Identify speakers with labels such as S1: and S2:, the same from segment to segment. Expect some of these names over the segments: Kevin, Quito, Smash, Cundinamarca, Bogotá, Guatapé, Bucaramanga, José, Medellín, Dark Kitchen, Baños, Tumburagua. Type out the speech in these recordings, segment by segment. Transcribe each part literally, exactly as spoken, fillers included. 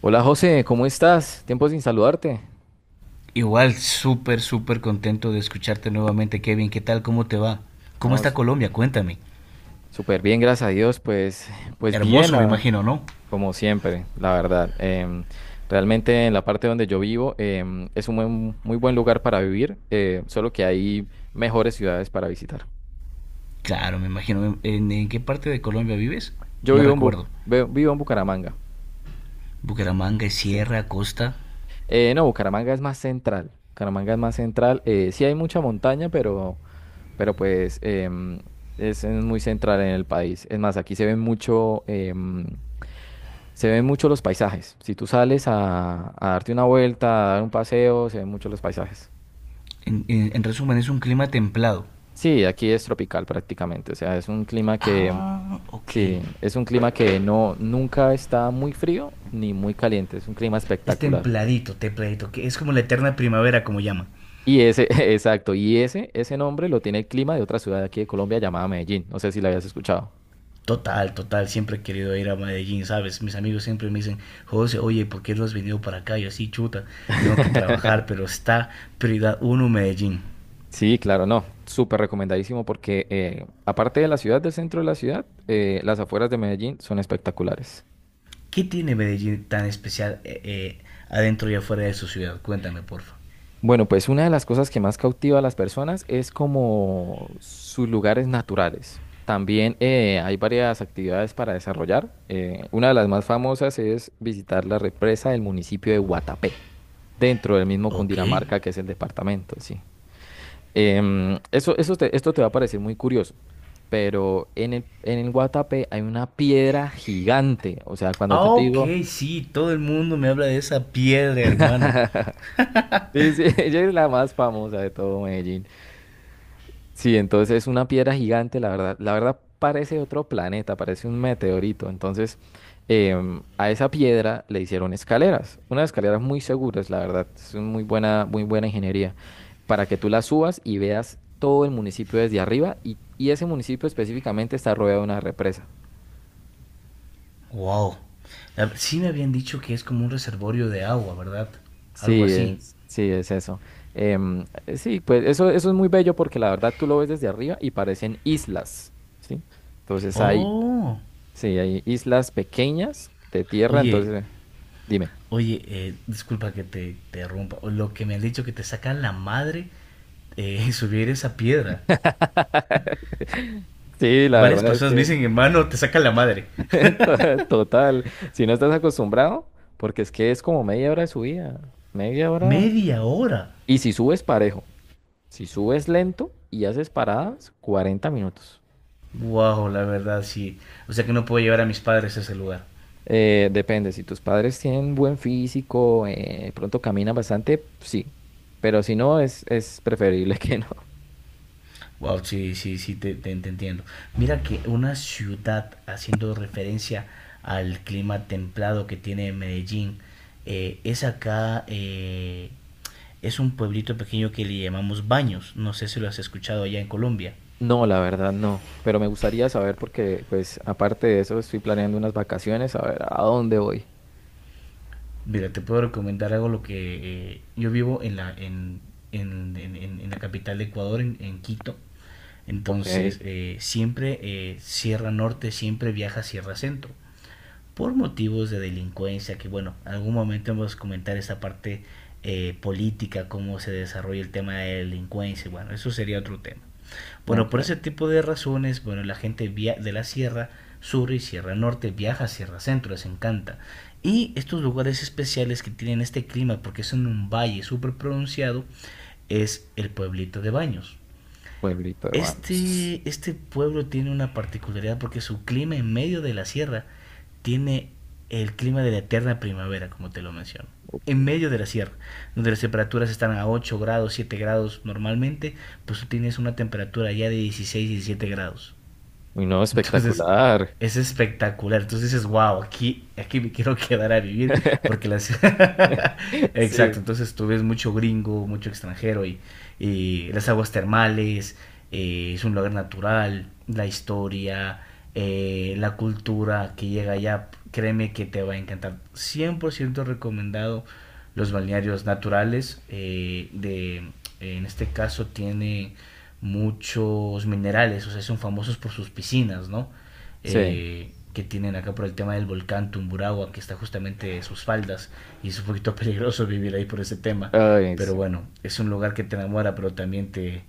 S1: Hola José, ¿cómo estás? Tiempo sin saludarte.
S2: Igual, súper, súper contento de escucharte nuevamente, Kevin. ¿Qué tal? ¿Cómo te va? ¿Cómo está
S1: Vamos,
S2: Colombia? Cuéntame.
S1: súper bien, gracias a Dios. Pues, pues bien,
S2: Hermoso, me
S1: la-
S2: imagino, ¿no?
S1: como siempre, la verdad. Em, realmente en la parte donde yo vivo em, es un buen- muy buen lugar para vivir, eh, solo que hay mejores ciudades para visitar.
S2: Claro, me imagino. ¿En, en qué parte de Colombia vives?
S1: Yo
S2: No
S1: vivo en, Bu-
S2: recuerdo.
S1: ve- vivo en Bucaramanga.
S2: ¿Bucaramanga, es
S1: Sí.
S2: Sierra, Costa?
S1: Eh, no, Bucaramanga es más central. Bucaramanga es más central. Eh, sí hay mucha montaña, pero, pero pues em, es, eh, muy central en el país. Es más, aquí se ve mucho. em, Se ven mucho los paisajes. Si tú sales a, a darte una vuelta, a dar un paseo, se ven mucho los paisajes.
S2: En, en- en resumen, es un clima templado.
S1: Sí, aquí es tropical prácticamente. O sea, es un clima que,
S2: Ah, ok.
S1: sí, es un clima que no, nunca está muy frío ni muy caliente. Es un clima
S2: Es
S1: espectacular.
S2: templadito, templadito, que es como la eterna primavera, como llaman.
S1: Y ese, exacto, y ese, ese nombre lo tiene el clima de otra ciudad de aquí de Colombia llamada Medellín. No sé si la habías escuchado.
S2: Total, total, siempre he querido ir a Medellín, ¿sabes? Mis amigos siempre me dicen, "José, oye, ¿por qué no has venido para acá?" Yo así, chuta, tengo que trabajar, pero está prioridad uno Medellín.
S1: Sí, claro, no, súper recomendadísimo porque eh, aparte de la ciudad, del centro de la ciudad, eh, las afueras de Medellín son espectaculares.
S2: ¿Qué tiene Medellín tan especial, eh, eh, adentro y afuera de su ciudad? Cuéntame, porfa.
S1: Bueno, pues una de las cosas que más cautiva a las personas es como sus lugares naturales. También eh, hay varias actividades para desarrollar. Eh, una de las más famosas es visitar la represa del municipio de Guatapé, dentro del mismo
S2: Ok.
S1: Cundinamarca que es el departamento, sí. Em, eso, eso te- esto te va a parecer muy curioso, pero en el, en el Guatapé hay una piedra gigante. O sea, cuando
S2: Ah,
S1: yo te
S2: ok,
S1: digo,
S2: sí, todo el mundo me habla de esa piedra, hermano.
S1: sí, sí, ella es la más famosa de todo Medellín. Sí, entonces es una piedra gigante, la verdad. La verdad parece otro planeta, parece un meteorito. Entonces, em, a esa piedra le hicieron escaleras, unas escaleras muy seguras, la verdad. Es una muy buena, muy buena ingeniería para que tú la subas y veas todo el municipio desde arriba y, y ese municipio específicamente está rodeado de una represa.
S2: Wow. La- Sí me habían dicho que es como un reservorio de agua, ¿verdad? Algo
S1: Sí,
S2: así.
S1: es, sí, es eso. Em, eh, sí, pues eso, eso es muy bello porque la verdad tú lo ves desde arriba y parecen islas, ¿sí? Entonces hay,
S2: Oh.
S1: sí, hay islas pequeñas de tierra,
S2: Oye,
S1: entonces eh, dime.
S2: Oye, eh, disculpa que te interrumpa. Lo que me han dicho que te sacan la madre, eh, subir esa piedra.
S1: Sí, la
S2: Varias
S1: verdad es
S2: personas me
S1: que
S2: dicen, "Hermano, te sacan la madre."
S1: to- total, si no estás acostumbrado, porque es que es como media hora de subida, media hora.
S2: Media hora.
S1: Y si subes parejo, si subes lento y haces paradas, cuarenta minutos.
S2: Wow, la verdad sí. O sea que no puedo llevar a mis padres a ese lugar.
S1: Eh, depende, si tus padres tienen buen físico, eh, pronto caminan bastante, sí, pero si no, es, es preferible que no.
S2: Wow, sí, sí, sí, te, te- te entiendo. Mira que una ciudad, haciendo referencia al clima templado que tiene Medellín, eh, es acá, eh, es un pueblito pequeño que le llamamos Baños. No sé si lo has escuchado allá en Colombia.
S1: No, la verdad no, pero me gustaría saber porque, pues, aparte de eso, estoy planeando unas vacaciones, a ver a dónde voy.
S2: Mira, te puedo recomendar algo lo que eh, yo vivo en la, en, en, en- en- en la capital de Ecuador, en, en Quito.
S1: Ok.
S2: Entonces, eh, siempre eh, Sierra Norte, siempre viaja a Sierra Centro. Por motivos de delincuencia, que bueno, en algún momento vamos a comentar esa parte eh, política, cómo se desarrolla el tema de delincuencia, bueno, eso sería otro tema. Bueno,
S1: Ok,
S2: por ese tipo de razones, bueno, la gente via de la Sierra Sur y Sierra Norte viaja a Sierra Centro, les encanta. Y estos lugares especiales que tienen este clima, porque son un valle súper pronunciado, es el pueblito de Baños.
S1: pueblito de Baños.
S2: Este, este pueblo tiene una particularidad porque su clima en medio de la sierra tiene el clima de la eterna primavera, como te lo menciono.
S1: Ok.
S2: En medio de la sierra, donde las temperaturas están a ocho grados, siete grados normalmente, pues tú tienes una temperatura ya de dieciséis diecisiete grados.
S1: Uy, no,
S2: Entonces,
S1: espectacular.
S2: es espectacular. Entonces dices, wow, aquí, aquí me quiero quedar a vivir porque las... Exacto,
S1: Sí,
S2: entonces tú ves mucho gringo, mucho extranjero y, y las aguas termales, eh, es un lugar natural, la historia, eh, la cultura que llega allá, créeme que te va a encantar. Cien por ciento recomendado los balnearios naturales, eh, de, en este caso tiene muchos minerales, o sea, son famosos por sus piscinas, ¿no?
S1: sí.
S2: Eh, que tienen acá por el tema del volcán Tumburagua, que está justamente en sus faldas, y es un poquito peligroso vivir ahí por ese tema,
S1: Ay,
S2: pero
S1: sí.
S2: bueno, es un lugar que te enamora, pero también te,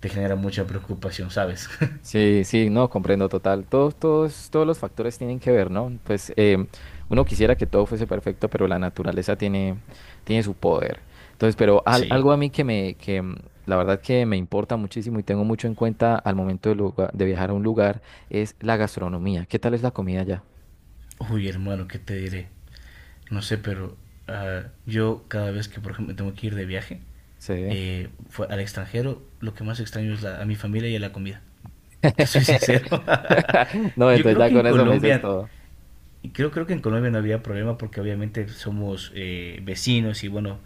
S2: te genera mucha preocupación, ¿sabes?
S1: Sí, sí, no, comprendo total. Todos, todos, todos los factores tienen que ver, ¿no? Pues em, uno quisiera que todo fuese perfecto, pero la naturaleza tiene, tiene su poder. Entonces, pero al-
S2: Sí.
S1: algo a mí que me, que mm, la verdad que me importa muchísimo y tengo mucho en cuenta al momento de, lugar- de viajar a un lugar es la gastronomía. ¿Qué tal es la comida allá?
S2: Uy, hermano, ¿qué te diré? No sé, pero uh, yo cada vez que, por ejemplo, tengo que ir de viaje,
S1: Sí.
S2: eh, fue al extranjero, lo que más extraño es la, a mi familia y a la comida. Te soy sincero.
S1: No,
S2: Yo
S1: entonces
S2: creo
S1: ya
S2: que en
S1: con eso me dices
S2: Colombia,
S1: todo.
S2: creo, creo que en Colombia no había problema porque obviamente somos eh, vecinos y bueno,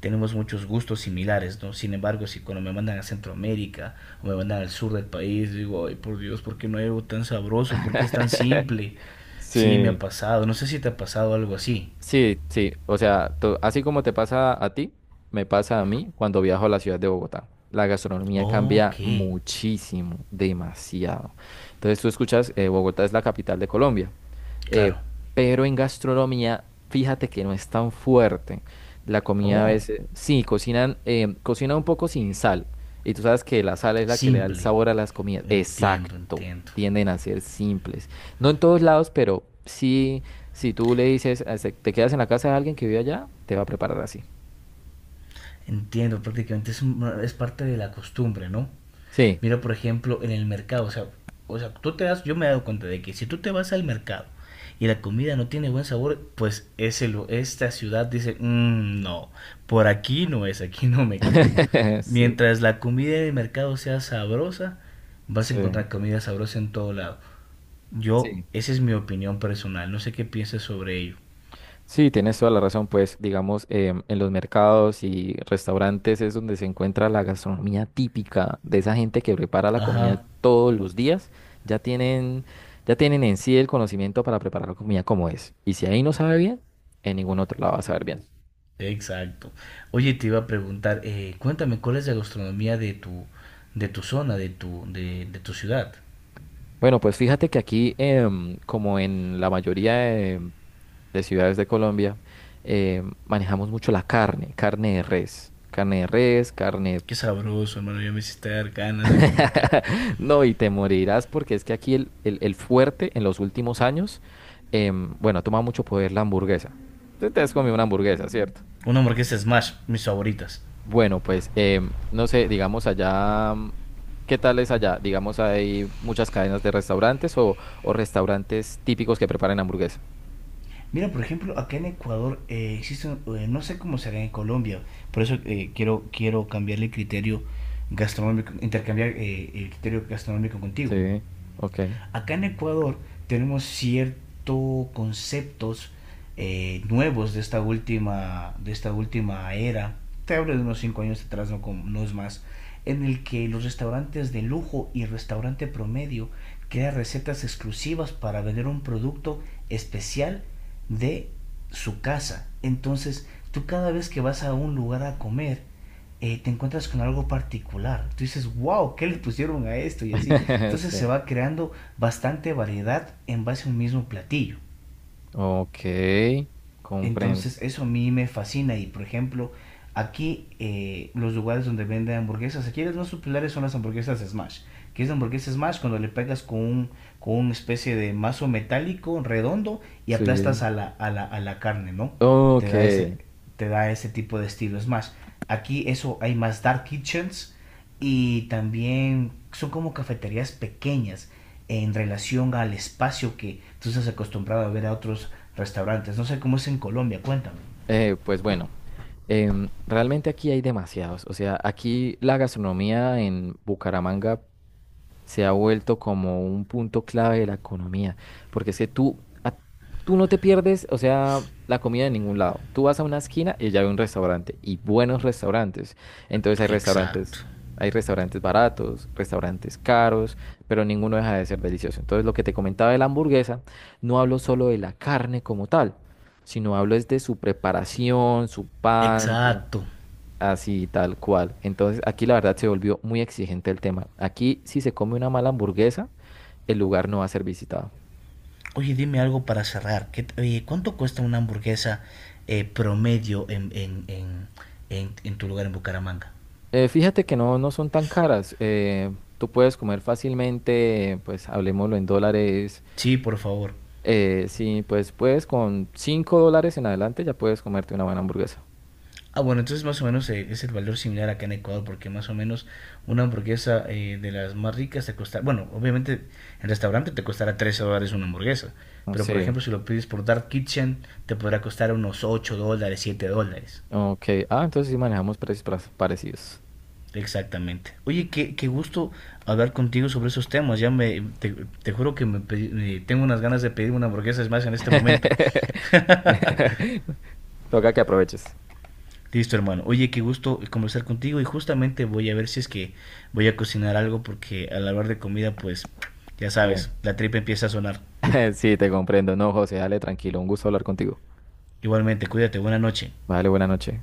S2: tenemos muchos gustos similares, ¿no? Sin embargo, si cuando me mandan a Centroamérica o me mandan al sur del país, digo, "Ay, por Dios, ¿por qué no hay algo tan sabroso? ¿Por qué es tan simple?" Sí, me ha
S1: Sí.
S2: pasado. No sé si te ha pasado algo así.
S1: Sí, sí, o sea, to- así como te pasa a ti, me pasa a mí cuando viajo a la ciudad de Bogotá. La gastronomía cambia
S2: Ok,
S1: muchísimo, demasiado. Entonces tú escuchas, eh, Bogotá es la capital de Colombia, eh,
S2: claro.
S1: pero en gastronomía, fíjate que no es tan fuerte. La comida a
S2: Oh,
S1: veces, sí, cocinan, eh, cocinan un poco sin sal. Y tú sabes que la sal es la que le da el
S2: simple.
S1: sabor a las comidas.
S2: Entiendo,
S1: Exacto,
S2: entiendo.
S1: tienden a ser simples. No en todos lados, pero sí. Si tú le dices, eh, se- te quedas en la casa de alguien que vive allá, te va a preparar así.
S2: Entiendo, prácticamente es, un- es parte de la costumbre, ¿no?
S1: Sí.
S2: Mira, por ejemplo, en el mercado, o sea, o sea, tú te das, yo me he dado cuenta de que si tú te vas al mercado y la comida no tiene buen sabor, pues ese, lu- esta ciudad dice, "Mm, no, por aquí no es, aquí no me quedo".
S1: Sí,
S2: Mientras la comida del mercado sea sabrosa, vas a
S1: sí,
S2: encontrar comida sabrosa en todo lado. Yo,
S1: sí.
S2: esa es mi opinión personal, no sé qué piensas sobre ello.
S1: Sí, tienes toda la razón, pues digamos, em, en los mercados y restaurantes es donde se encuentra la gastronomía típica de esa gente que prepara la
S2: Ajá,
S1: comida todos los días. Ya tienen, ya tienen en sí el conocimiento para preparar la comida como es. Y si ahí no sabe bien, en ningún otro lado va a saber bien.
S2: exacto. Oye, te iba a preguntar, eh, cuéntame, ¿cuál es la gastronomía de tu, de tu zona, de tu, de, de tu ciudad?
S1: Bueno, pues fíjate que aquí, em, como en la mayoría de de ciudades de Colombia, eh, manejamos mucho la carne, carne de res, carne de res, carne...
S2: Qué sabroso, hermano. Ya me hiciste dar ganas de comer carne.
S1: No, y te morirás porque es que aquí el, el- el fuerte en los últimos años, em, bueno, ha tomado mucho poder la hamburguesa. Tú te has comido una hamburguesa, ¿cierto?
S2: Una hamburguesa Smash, mis favoritas.
S1: Bueno, pues em, no sé, digamos allá, mm, ¿qué tal es allá? Digamos, hay muchas cadenas de restaurantes o, o restaurantes típicos que preparan hamburguesa.
S2: Mira, por ejemplo, acá en Ecuador eh, existe, eh, no sé cómo será en Colombia, por eso eh, quiero, quiero cambiarle el criterio gastronómico, intercambiar eh, el criterio gastronómico contigo.
S1: Sí, ok.
S2: Acá en Ecuador tenemos ciertos conceptos eh, nuevos de esta última de esta última era. Te hablo de unos cinco años atrás, no, no es más, en el que los restaurantes de lujo y restaurante promedio crean recetas exclusivas para vender un producto especial de su casa. Entonces, tú cada vez que vas a un lugar a comer, eh, te encuentras con algo particular. Tú dices, wow, ¿qué le pusieron a esto? Y así. Entonces se
S1: Sí.
S2: va creando bastante variedad en base a un mismo platillo.
S1: Ok, comprendo.
S2: Entonces eso a mí me fascina y por ejemplo aquí eh, los lugares donde venden hamburguesas, aquí las más populares son las hamburguesas Smash. Que es la hamburguesa Smash cuando le pegas con, un, con una especie de mazo metálico redondo y
S1: Sí.
S2: aplastas a la, a la, a la carne, ¿no? Te
S1: Ok,
S2: da, ese,
S1: eh,
S2: te da ese tipo de estilo Smash. Aquí eso hay más Dark Kitchens y también son como cafeterías pequeñas en relación al espacio que tú estás acostumbrado a ver a otros restaurantes. No sé cómo es en Colombia, cuéntame.
S1: pues bueno, em, realmente aquí hay demasiados. O sea, aquí la gastronomía en Bucaramanga se ha vuelto como un punto clave de la economía, porque es que tú, a- tú no te pierdes, o sea, la comida de ningún lado. Tú vas a una esquina y ya hay un restaurante, y buenos restaurantes. Entonces hay
S2: Exacto,
S1: restaurantes, hay restaurantes baratos, restaurantes caros, pero ninguno deja de ser delicioso. Entonces lo que te comentaba de la hamburguesa, no hablo solo de la carne como tal, sino hablo es de su preparación, su pan.
S2: exacto.
S1: Así, tal cual. Entonces, aquí la verdad se volvió muy exigente el tema. Aquí, si se come una mala hamburguesa, el lugar no va a ser visitado.
S2: Oye, dime algo para cerrar. ¿Qué, oye, cuánto cuesta una hamburguesa eh, promedio en, en, en, en, en tu lugar en Bucaramanga?
S1: Eh, fíjate que no, no son tan caras. Eh, tú puedes comer fácilmente, pues hablemoslo en dólares.
S2: Sí, por favor.
S1: Eh, sí, pues puedes con cinco dólares en adelante ya puedes comerte una buena hamburguesa.
S2: Ah, bueno, entonces más o menos eh, es el valor similar acá en Ecuador, porque más o menos una hamburguesa, eh, de las más ricas te costará, bueno, obviamente en restaurante te costará trece dólares una hamburguesa,
S1: No
S2: pero por
S1: sé.
S2: ejemplo si lo pides por Dark Kitchen te podrá costar unos ocho dólares, siete dólares.
S1: Ok. Ah, entonces sí manejamos precios pra- parecidos.
S2: Exactamente. Oye, qué, qué gusto hablar contigo sobre esos temas. Ya me, te, te juro que me, pedí- me- tengo unas ganas de pedir una hamburguesa. Es más, en este momento.
S1: Toca que aproveches.
S2: Listo, hermano. Oye, qué gusto conversar contigo y justamente voy a ver si es que voy a cocinar algo porque al hablar de comida, pues ya sabes,
S1: Sí.
S2: la tripa empieza a sonar.
S1: Sí, te comprendo. No, José, dale tranquilo. Un gusto hablar contigo.
S2: Igualmente, cuídate, buena noche.
S1: Vale, buena noche